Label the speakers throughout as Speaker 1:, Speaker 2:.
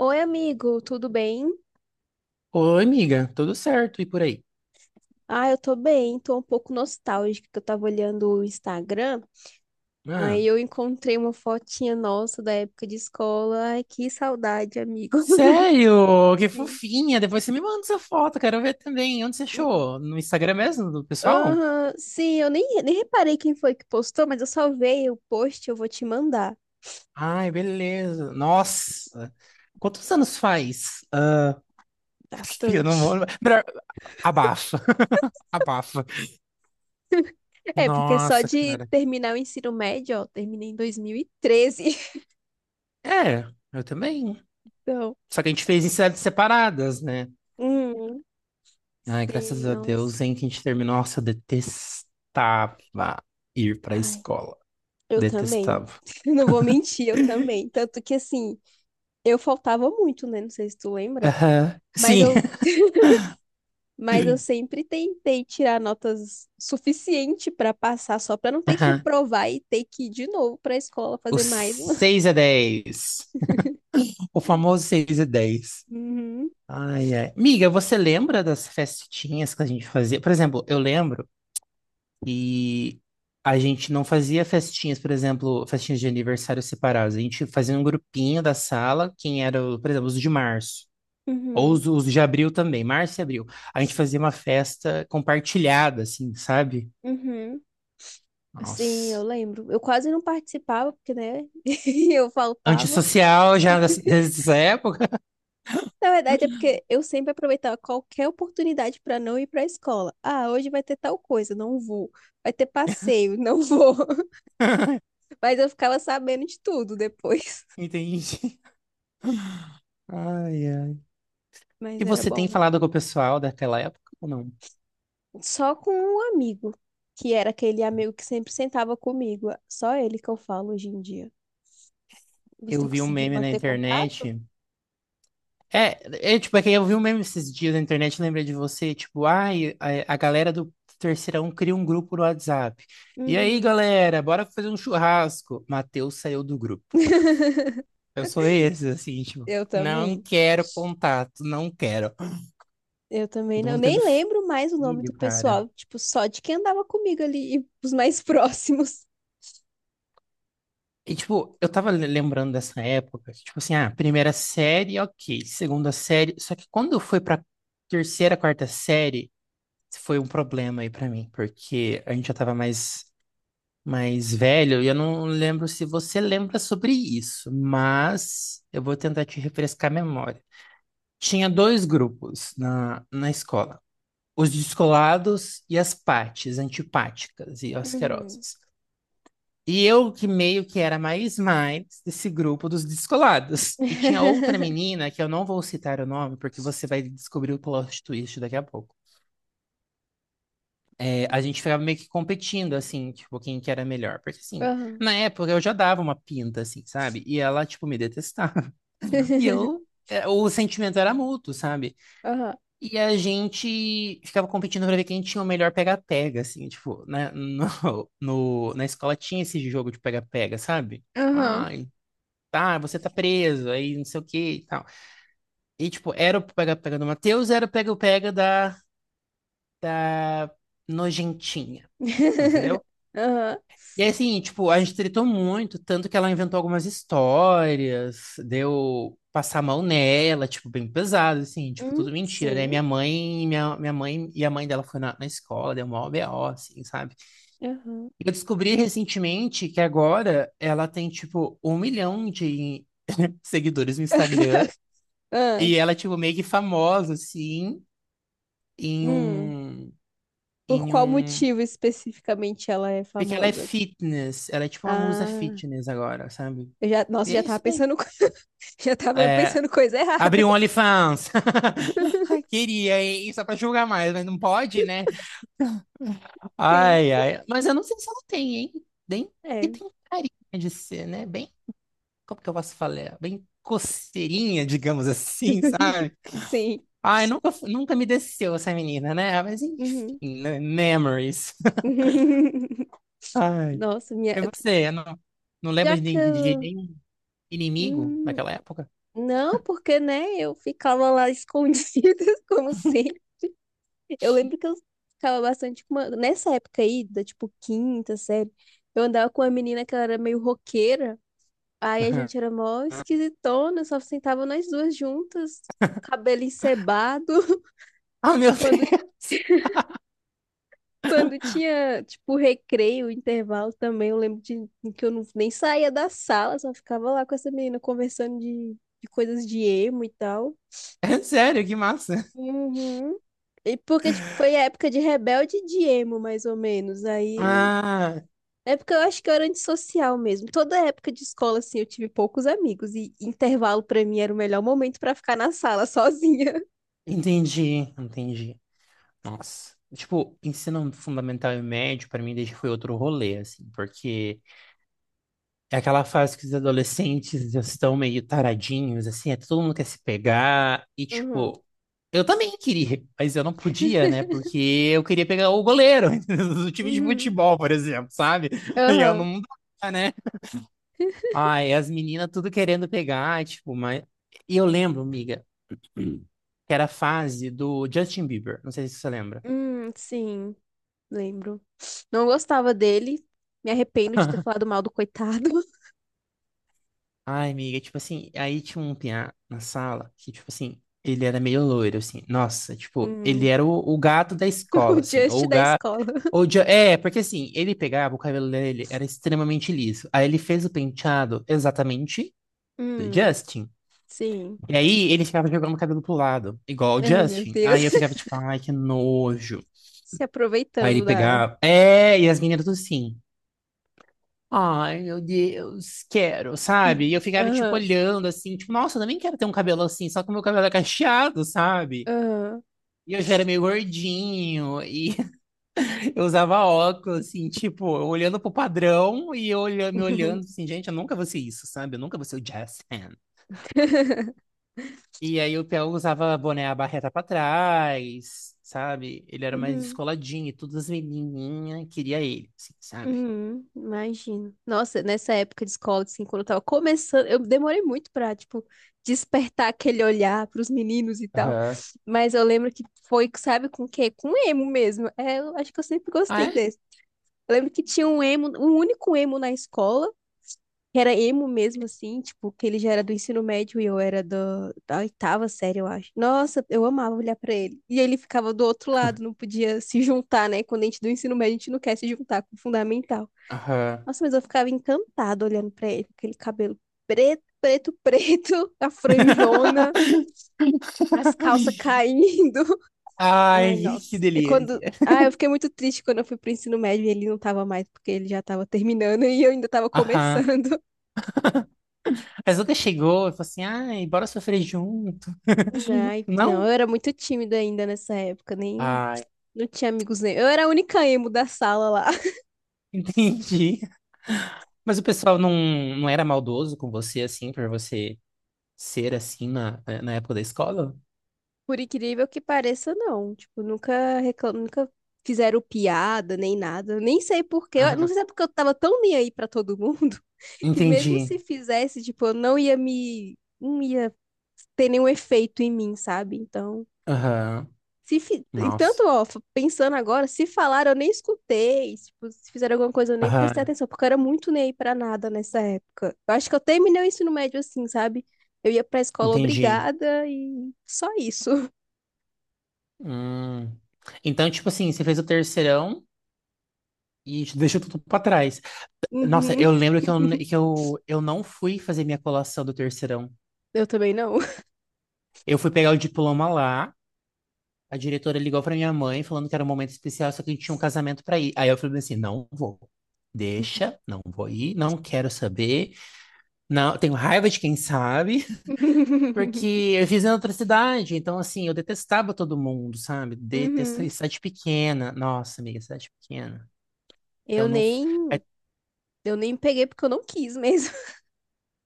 Speaker 1: Oi, amigo, tudo bem?
Speaker 2: Oi, amiga, tudo certo e por aí?
Speaker 1: Ah, eu tô bem, tô um pouco nostálgica, que eu tava olhando o Instagram,
Speaker 2: Ah,
Speaker 1: aí eu encontrei uma fotinha nossa da época de escola. Ai, que saudade, amigo.
Speaker 2: sério? Que
Speaker 1: Sim.
Speaker 2: fofinha! Depois você me manda essa foto, quero ver também. Onde você achou? No Instagram mesmo, do pessoal?
Speaker 1: Aham, sim, eu nem reparei quem foi que postou, mas eu salvei o post, eu vou te mandar
Speaker 2: Ai, beleza. Nossa! Quantos anos faz? Ah, eu não vou.
Speaker 1: bastante.
Speaker 2: Melhor- Abafa, abafa.
Speaker 1: É, porque só
Speaker 2: Nossa,
Speaker 1: de
Speaker 2: cara.
Speaker 1: terminar o ensino médio, ó, terminei em 2013.
Speaker 2: É, eu também.
Speaker 1: Então,
Speaker 2: Só que a gente fez em cidades separadas, né?
Speaker 1: hum,
Speaker 2: Ai, graças
Speaker 1: sim,
Speaker 2: a Deus,
Speaker 1: nossa.
Speaker 2: hein, que a gente terminou. Nossa, eu detestava ir pra
Speaker 1: Ai.
Speaker 2: escola.
Speaker 1: Eu também.
Speaker 2: Detestava.
Speaker 1: Não vou mentir, eu também. Tanto que assim, eu faltava muito, né? Não sei se tu lembra,
Speaker 2: Aham.
Speaker 1: mas
Speaker 2: Sim.
Speaker 1: eu, mas eu sempre tentei tirar notas suficiente para passar, só para não ter que
Speaker 2: Aham.
Speaker 1: reprovar e ter que ir de novo para a escola
Speaker 2: O
Speaker 1: fazer mais uma.
Speaker 2: 6-10. O famoso 6 a dez.
Speaker 1: Uhum,
Speaker 2: Ai, ai. Miga, você lembra das festinhas que a gente fazia? Por exemplo, eu lembro que a gente não fazia festinhas, por exemplo, festinhas de aniversário separadas. A gente fazia um grupinho da sala, quem era, o- por exemplo, os de março. Ou
Speaker 1: uhum,
Speaker 2: os de abril também, março e abril. A gente fazia uma festa compartilhada, assim, sabe?
Speaker 1: uhum. Sim, eu
Speaker 2: Nossa.
Speaker 1: lembro. Eu quase não participava, porque, né? Eu faltava.
Speaker 2: Antissocial já nessa época.
Speaker 1: Na verdade, é porque eu sempre aproveitava qualquer oportunidade para não ir para a escola. Ah, hoje vai ter tal coisa, não vou. Vai ter passeio, não vou. Mas eu ficava sabendo de tudo depois.
Speaker 2: Entendi. Ai, ai.
Speaker 1: Mas
Speaker 2: E
Speaker 1: era
Speaker 2: você tem
Speaker 1: bom.
Speaker 2: falado com o pessoal daquela época ou não?
Speaker 1: Só com um amigo, que era aquele amigo que sempre sentava comigo. Só ele que eu falo hoje em dia.
Speaker 2: Eu
Speaker 1: Você
Speaker 2: vi um
Speaker 1: conseguiu
Speaker 2: meme na
Speaker 1: manter contato?
Speaker 2: internet. É, tipo, é que eu vi um meme esses dias na internet, lembrei de você, tipo, ai, a galera do terceirão cria um grupo no WhatsApp. E aí,
Speaker 1: Uhum.
Speaker 2: galera, bora fazer um churrasco. Matheus saiu do grupo. Eu sou esse, assim, tipo,
Speaker 1: Eu
Speaker 2: não
Speaker 1: também.
Speaker 2: quero contato, não quero.
Speaker 1: Eu também
Speaker 2: Todo
Speaker 1: não. Eu
Speaker 2: mundo tendo
Speaker 1: nem lembro mais o nome do
Speaker 2: filho, cara.
Speaker 1: pessoal, tipo, só de quem andava comigo ali, e os mais próximos.
Speaker 2: E, tipo, eu tava lembrando dessa época, que, tipo assim, ah, primeira série, ok, segunda série, só que quando foi pra terceira, quarta série, foi um problema aí pra mim, porque a gente já tava mais, velho, e eu não lembro se você lembra sobre isso, mas eu vou tentar te refrescar a memória. Tinha dois grupos na escola, os descolados e as pates, antipáticas e
Speaker 1: Uhum.
Speaker 2: asquerosas. E eu que meio que era mais desse grupo dos descolados. E tinha outra menina, que eu não vou citar o nome, porque você vai descobrir o plot twist daqui a pouco. É, a gente ficava meio que competindo, assim, tipo, quem que era melhor. Porque, assim,
Speaker 1: Aham.
Speaker 2: na época eu já dava uma pinta, assim, sabe? E ela, tipo, me detestava. O sentimento era mútuo, sabe?
Speaker 1: Aham.
Speaker 2: E a gente ficava competindo pra ver quem tinha o melhor pega-pega, assim, tipo, na, na escola tinha esse jogo de pega-pega, sabe? Tipo,
Speaker 1: Aham.
Speaker 2: ai, ah, você tá preso, aí não sei o que e tal. E, tipo, era o pega-pega do Matheus, era o pega-pega da Nojentinha, entendeu?
Speaker 1: Aham.
Speaker 2: E aí, assim, tipo, a gente tretou muito, tanto que ela inventou algumas histórias, deu passar a mão nela, tipo, bem pesado, assim, tipo, tudo mentira, né?
Speaker 1: Sim.
Speaker 2: Minha mãe, minha mãe e a mãe dela foi na escola, deu mó BO, assim, sabe?
Speaker 1: Aham.
Speaker 2: E eu descobri recentemente que agora ela tem, tipo, um milhão de seguidores no Instagram.
Speaker 1: Ah,
Speaker 2: E ela é, tipo, meio que famosa, assim, em
Speaker 1: hum.
Speaker 2: um,
Speaker 1: Por
Speaker 2: em
Speaker 1: qual
Speaker 2: um...
Speaker 1: motivo especificamente ela é
Speaker 2: Porque ela é
Speaker 1: famosa?
Speaker 2: fitness, ela é tipo uma musa
Speaker 1: Ah.
Speaker 2: fitness agora, sabe?
Speaker 1: Eu já, nossa,
Speaker 2: E é
Speaker 1: já tava
Speaker 2: isso daí.
Speaker 1: pensando, já tava
Speaker 2: É,
Speaker 1: pensando coisa errada.
Speaker 2: abri um OnlyFans. Ai, queria, hein? Só pra julgar mais, mas não pode, né?
Speaker 1: Sim,
Speaker 2: Ai, ai. Mas eu não sei se ela tem, hein? Bem que
Speaker 1: é.
Speaker 2: tem carinha de ser, né? Bem, como que eu posso falar? Bem coceirinha, digamos assim, sabe?
Speaker 1: Sim.
Speaker 2: Ai, nunca, nunca me desceu essa menina, né? Mas enfim,
Speaker 1: Uhum.
Speaker 2: né? Memories. Ai.
Speaker 1: Nossa, minha.
Speaker 2: É você, não
Speaker 1: Já
Speaker 2: lembra
Speaker 1: que
Speaker 2: de
Speaker 1: eu.
Speaker 2: nenhum inimigo
Speaker 1: Hum,
Speaker 2: daquela época?
Speaker 1: não, porque, né, eu ficava lá escondida, como sempre. Eu lembro que eu ficava bastante com uma... Nessa época aí, da tipo quinta série, eu andava com uma menina que ela era meio roqueira. Aí a gente era mó esquisitona, só sentava nós duas juntas, cabelo encebado.
Speaker 2: Ah, meu
Speaker 1: Quando
Speaker 2: Deus!
Speaker 1: Quando tinha, tipo, recreio, intervalo também, eu lembro de que eu não, nem saía da sala, só ficava lá com essa menina conversando de coisas de emo e tal.
Speaker 2: É sério, que massa!
Speaker 1: Uhum. E porque, tipo, foi a época de rebelde e de emo, mais ou menos. Aí eu.
Speaker 2: Ah,
Speaker 1: É porque eu acho que eu era antissocial mesmo. Toda época de escola, assim, eu tive poucos amigos. E intervalo, pra mim, era o melhor momento pra ficar na sala sozinha.
Speaker 2: entendi, entendi. Nossa. Tipo, ensino fundamental e médio, pra mim, desde foi outro rolê, assim, porque. É aquela fase que os adolescentes já estão meio taradinhos, assim, é, todo mundo quer se pegar. E,
Speaker 1: Uhum.
Speaker 2: tipo, eu também queria, mas eu não podia, né? Porque eu queria pegar o goleiro do time de
Speaker 1: Uhum.
Speaker 2: futebol, por exemplo, sabe? E eu
Speaker 1: Aham.
Speaker 2: não dá, né? Ai, as meninas tudo querendo pegar, tipo, mas. E eu lembro, amiga, que era a fase do Justin Bieber, não sei se você lembra.
Speaker 1: Sim. Lembro. Não gostava dele. Me arrependo de ter falado mal do coitado.
Speaker 2: Ai, amiga, tipo assim, aí tinha um piá na sala que, tipo assim, ele era meio loiro, assim. Nossa, tipo, ele
Speaker 1: Hum.
Speaker 2: era o gato da
Speaker 1: O
Speaker 2: escola, assim. Ou
Speaker 1: Just
Speaker 2: o
Speaker 1: da
Speaker 2: gato.
Speaker 1: escola.
Speaker 2: Ou de... É, porque assim, ele pegava, o cabelo dele era extremamente liso. Aí ele fez o penteado exatamente do
Speaker 1: Hum,
Speaker 2: Justin.
Speaker 1: sim.
Speaker 2: E aí ele ficava jogando o cabelo pro lado, igual o
Speaker 1: Ai, meu
Speaker 2: Justin. Aí
Speaker 1: Deus.
Speaker 2: eu ficava tipo, ai, que nojo.
Speaker 1: Se
Speaker 2: Aí ele
Speaker 1: aproveitando da.
Speaker 2: pegava. É, e as meninas tudo assim. Ai, meu Deus, quero, sabe? E eu ficava, tipo,
Speaker 1: Aham,
Speaker 2: olhando assim, tipo, nossa, eu também quero ter um cabelo assim, só que o meu cabelo é cacheado, sabe?
Speaker 1: aham.
Speaker 2: E eu já era meio gordinho, e eu usava óculos, assim, tipo, olhando pro padrão e eu me olhando, assim, gente, eu nunca vou ser isso, sabe? Eu nunca vou ser o Jazzman. E aí o Theo usava boné, a barreta pra trás, sabe? Ele era mais
Speaker 1: Uhum,
Speaker 2: descoladinho, e todas as menininhas queria ele, assim, sabe?
Speaker 1: uhum, imagino. Nossa, nessa época de escola, assim, quando eu tava começando, eu demorei muito pra, tipo, despertar aquele olhar pros meninos e tal.
Speaker 2: Aham.
Speaker 1: Mas eu lembro que foi, sabe, com o quê? Com emo mesmo. É, eu acho que eu sempre
Speaker 2: Ah,
Speaker 1: gostei.
Speaker 2: é?
Speaker 1: Eu lembro que tinha um emo, um único emo na escola, que era emo mesmo, assim, tipo, que ele já era do ensino médio e eu era da oitava série, eu acho. Nossa, eu amava olhar pra ele. E ele ficava do outro lado, não podia se juntar, né? Quando a gente do ensino médio, a gente não quer se juntar com o fundamental.
Speaker 2: Aham.
Speaker 1: Nossa, mas eu ficava encantada olhando pra ele, com aquele cabelo preto, preto, preto, a franjona, as calças caindo. Ai,
Speaker 2: Ai, que
Speaker 1: nossa. É quando.
Speaker 2: delícia.
Speaker 1: Ah, eu fiquei muito triste quando eu fui pro ensino médio e ele não tava mais, porque ele já tava terminando e eu ainda tava
Speaker 2: Aham.
Speaker 1: começando.
Speaker 2: Mas nunca chegou e falou assim, ai, bora sofrer junto.
Speaker 1: Ai, não, eu
Speaker 2: Não?
Speaker 1: era muito tímida ainda nessa época, nem.
Speaker 2: Ai,
Speaker 1: Não tinha amigos nem. Eu era a única emo da sala lá.
Speaker 2: entendi. Mas o pessoal não, não era maldoso com você, assim, por você ser assim na, época da escola?
Speaker 1: Por incrível que pareça, não. Tipo, nunca reclam... Nunca fizeram piada nem nada. Nem sei por quê. Eu não
Speaker 2: Aham.
Speaker 1: sei se é porque eu tava tão nem aí pra todo mundo que mesmo
Speaker 2: Entendi.
Speaker 1: se fizesse, tipo, eu não ia me. Não ia ter nenhum efeito em mim, sabe? Então.
Speaker 2: Aham.
Speaker 1: Se fi... e
Speaker 2: Nossa.
Speaker 1: tanto, ó, pensando agora, se falaram, eu nem escutei. Tipo, se fizeram alguma coisa, eu nem prestei
Speaker 2: Aham.
Speaker 1: atenção, porque eu era muito nem aí pra nada nessa época. Eu acho que eu terminei o ensino médio assim, sabe? Eu ia pra escola
Speaker 2: Entendi.
Speaker 1: obrigada e só isso.
Speaker 2: Hum. Então, tipo assim, você fez o terceirão e deixou tudo pra trás. Nossa,
Speaker 1: Uhum.
Speaker 2: eu lembro que eu não fui fazer minha colação do terceirão.
Speaker 1: Eu também não.
Speaker 2: Eu fui pegar o diploma lá, a diretora ligou pra minha mãe falando que era um momento especial, só que a gente tinha um casamento pra ir. Aí eu falei assim, não vou. Deixa, não vou ir, não quero saber. Não, tenho raiva de quem sabe, porque eu fiz em outra cidade, então assim, eu detestava todo mundo, sabe? Detestava
Speaker 1: Uhum.
Speaker 2: cidade pequena. Nossa, amiga, cidade pequena. Então
Speaker 1: Eu
Speaker 2: não, é,
Speaker 1: nem, eu nem peguei porque eu não quis mesmo.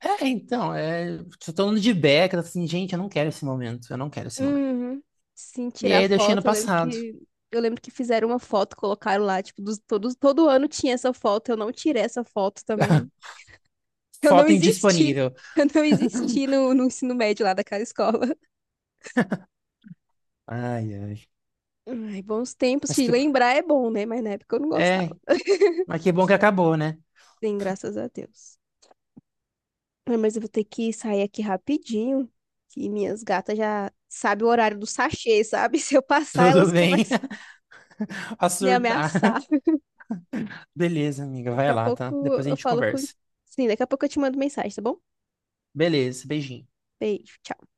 Speaker 2: então, tô falando de beca, assim, gente, eu não quero esse momento, eu não quero esse momento.
Speaker 1: Uhum. Sim,
Speaker 2: E
Speaker 1: tirar
Speaker 2: aí eu deixei no
Speaker 1: foto,
Speaker 2: passado.
Speaker 1: eu lembro que fizeram uma foto, colocaram lá, tipo, dos, todos, todo ano tinha essa foto, eu não tirei essa foto também. Eu não
Speaker 2: Foto
Speaker 1: existi.
Speaker 2: indisponível.
Speaker 1: Eu não existi no ensino médio lá daquela escola.
Speaker 2: Ai, ai.
Speaker 1: Ai, bons tempos.
Speaker 2: Mas
Speaker 1: Se
Speaker 2: que.
Speaker 1: lembrar é bom, né? Mas na época eu não gostava.
Speaker 2: É, mas que bom que acabou, né?
Speaker 1: Sim, graças a Deus. Ah, mas eu vou ter que sair aqui rapidinho, que minhas gatas já sabem o horário do sachê, sabe? Se eu passar,
Speaker 2: Tudo
Speaker 1: elas
Speaker 2: bem.
Speaker 1: começam
Speaker 2: A
Speaker 1: a me
Speaker 2: surtar.
Speaker 1: ameaçar.
Speaker 2: Beleza, amiga.
Speaker 1: Daqui
Speaker 2: Vai
Speaker 1: a
Speaker 2: lá, tá?
Speaker 1: pouco
Speaker 2: Depois a
Speaker 1: eu
Speaker 2: gente
Speaker 1: falo com...
Speaker 2: conversa.
Speaker 1: Sim, daqui a pouco eu te mando mensagem, tá bom?
Speaker 2: Beleza, beijinho.
Speaker 1: Beijo, tchau.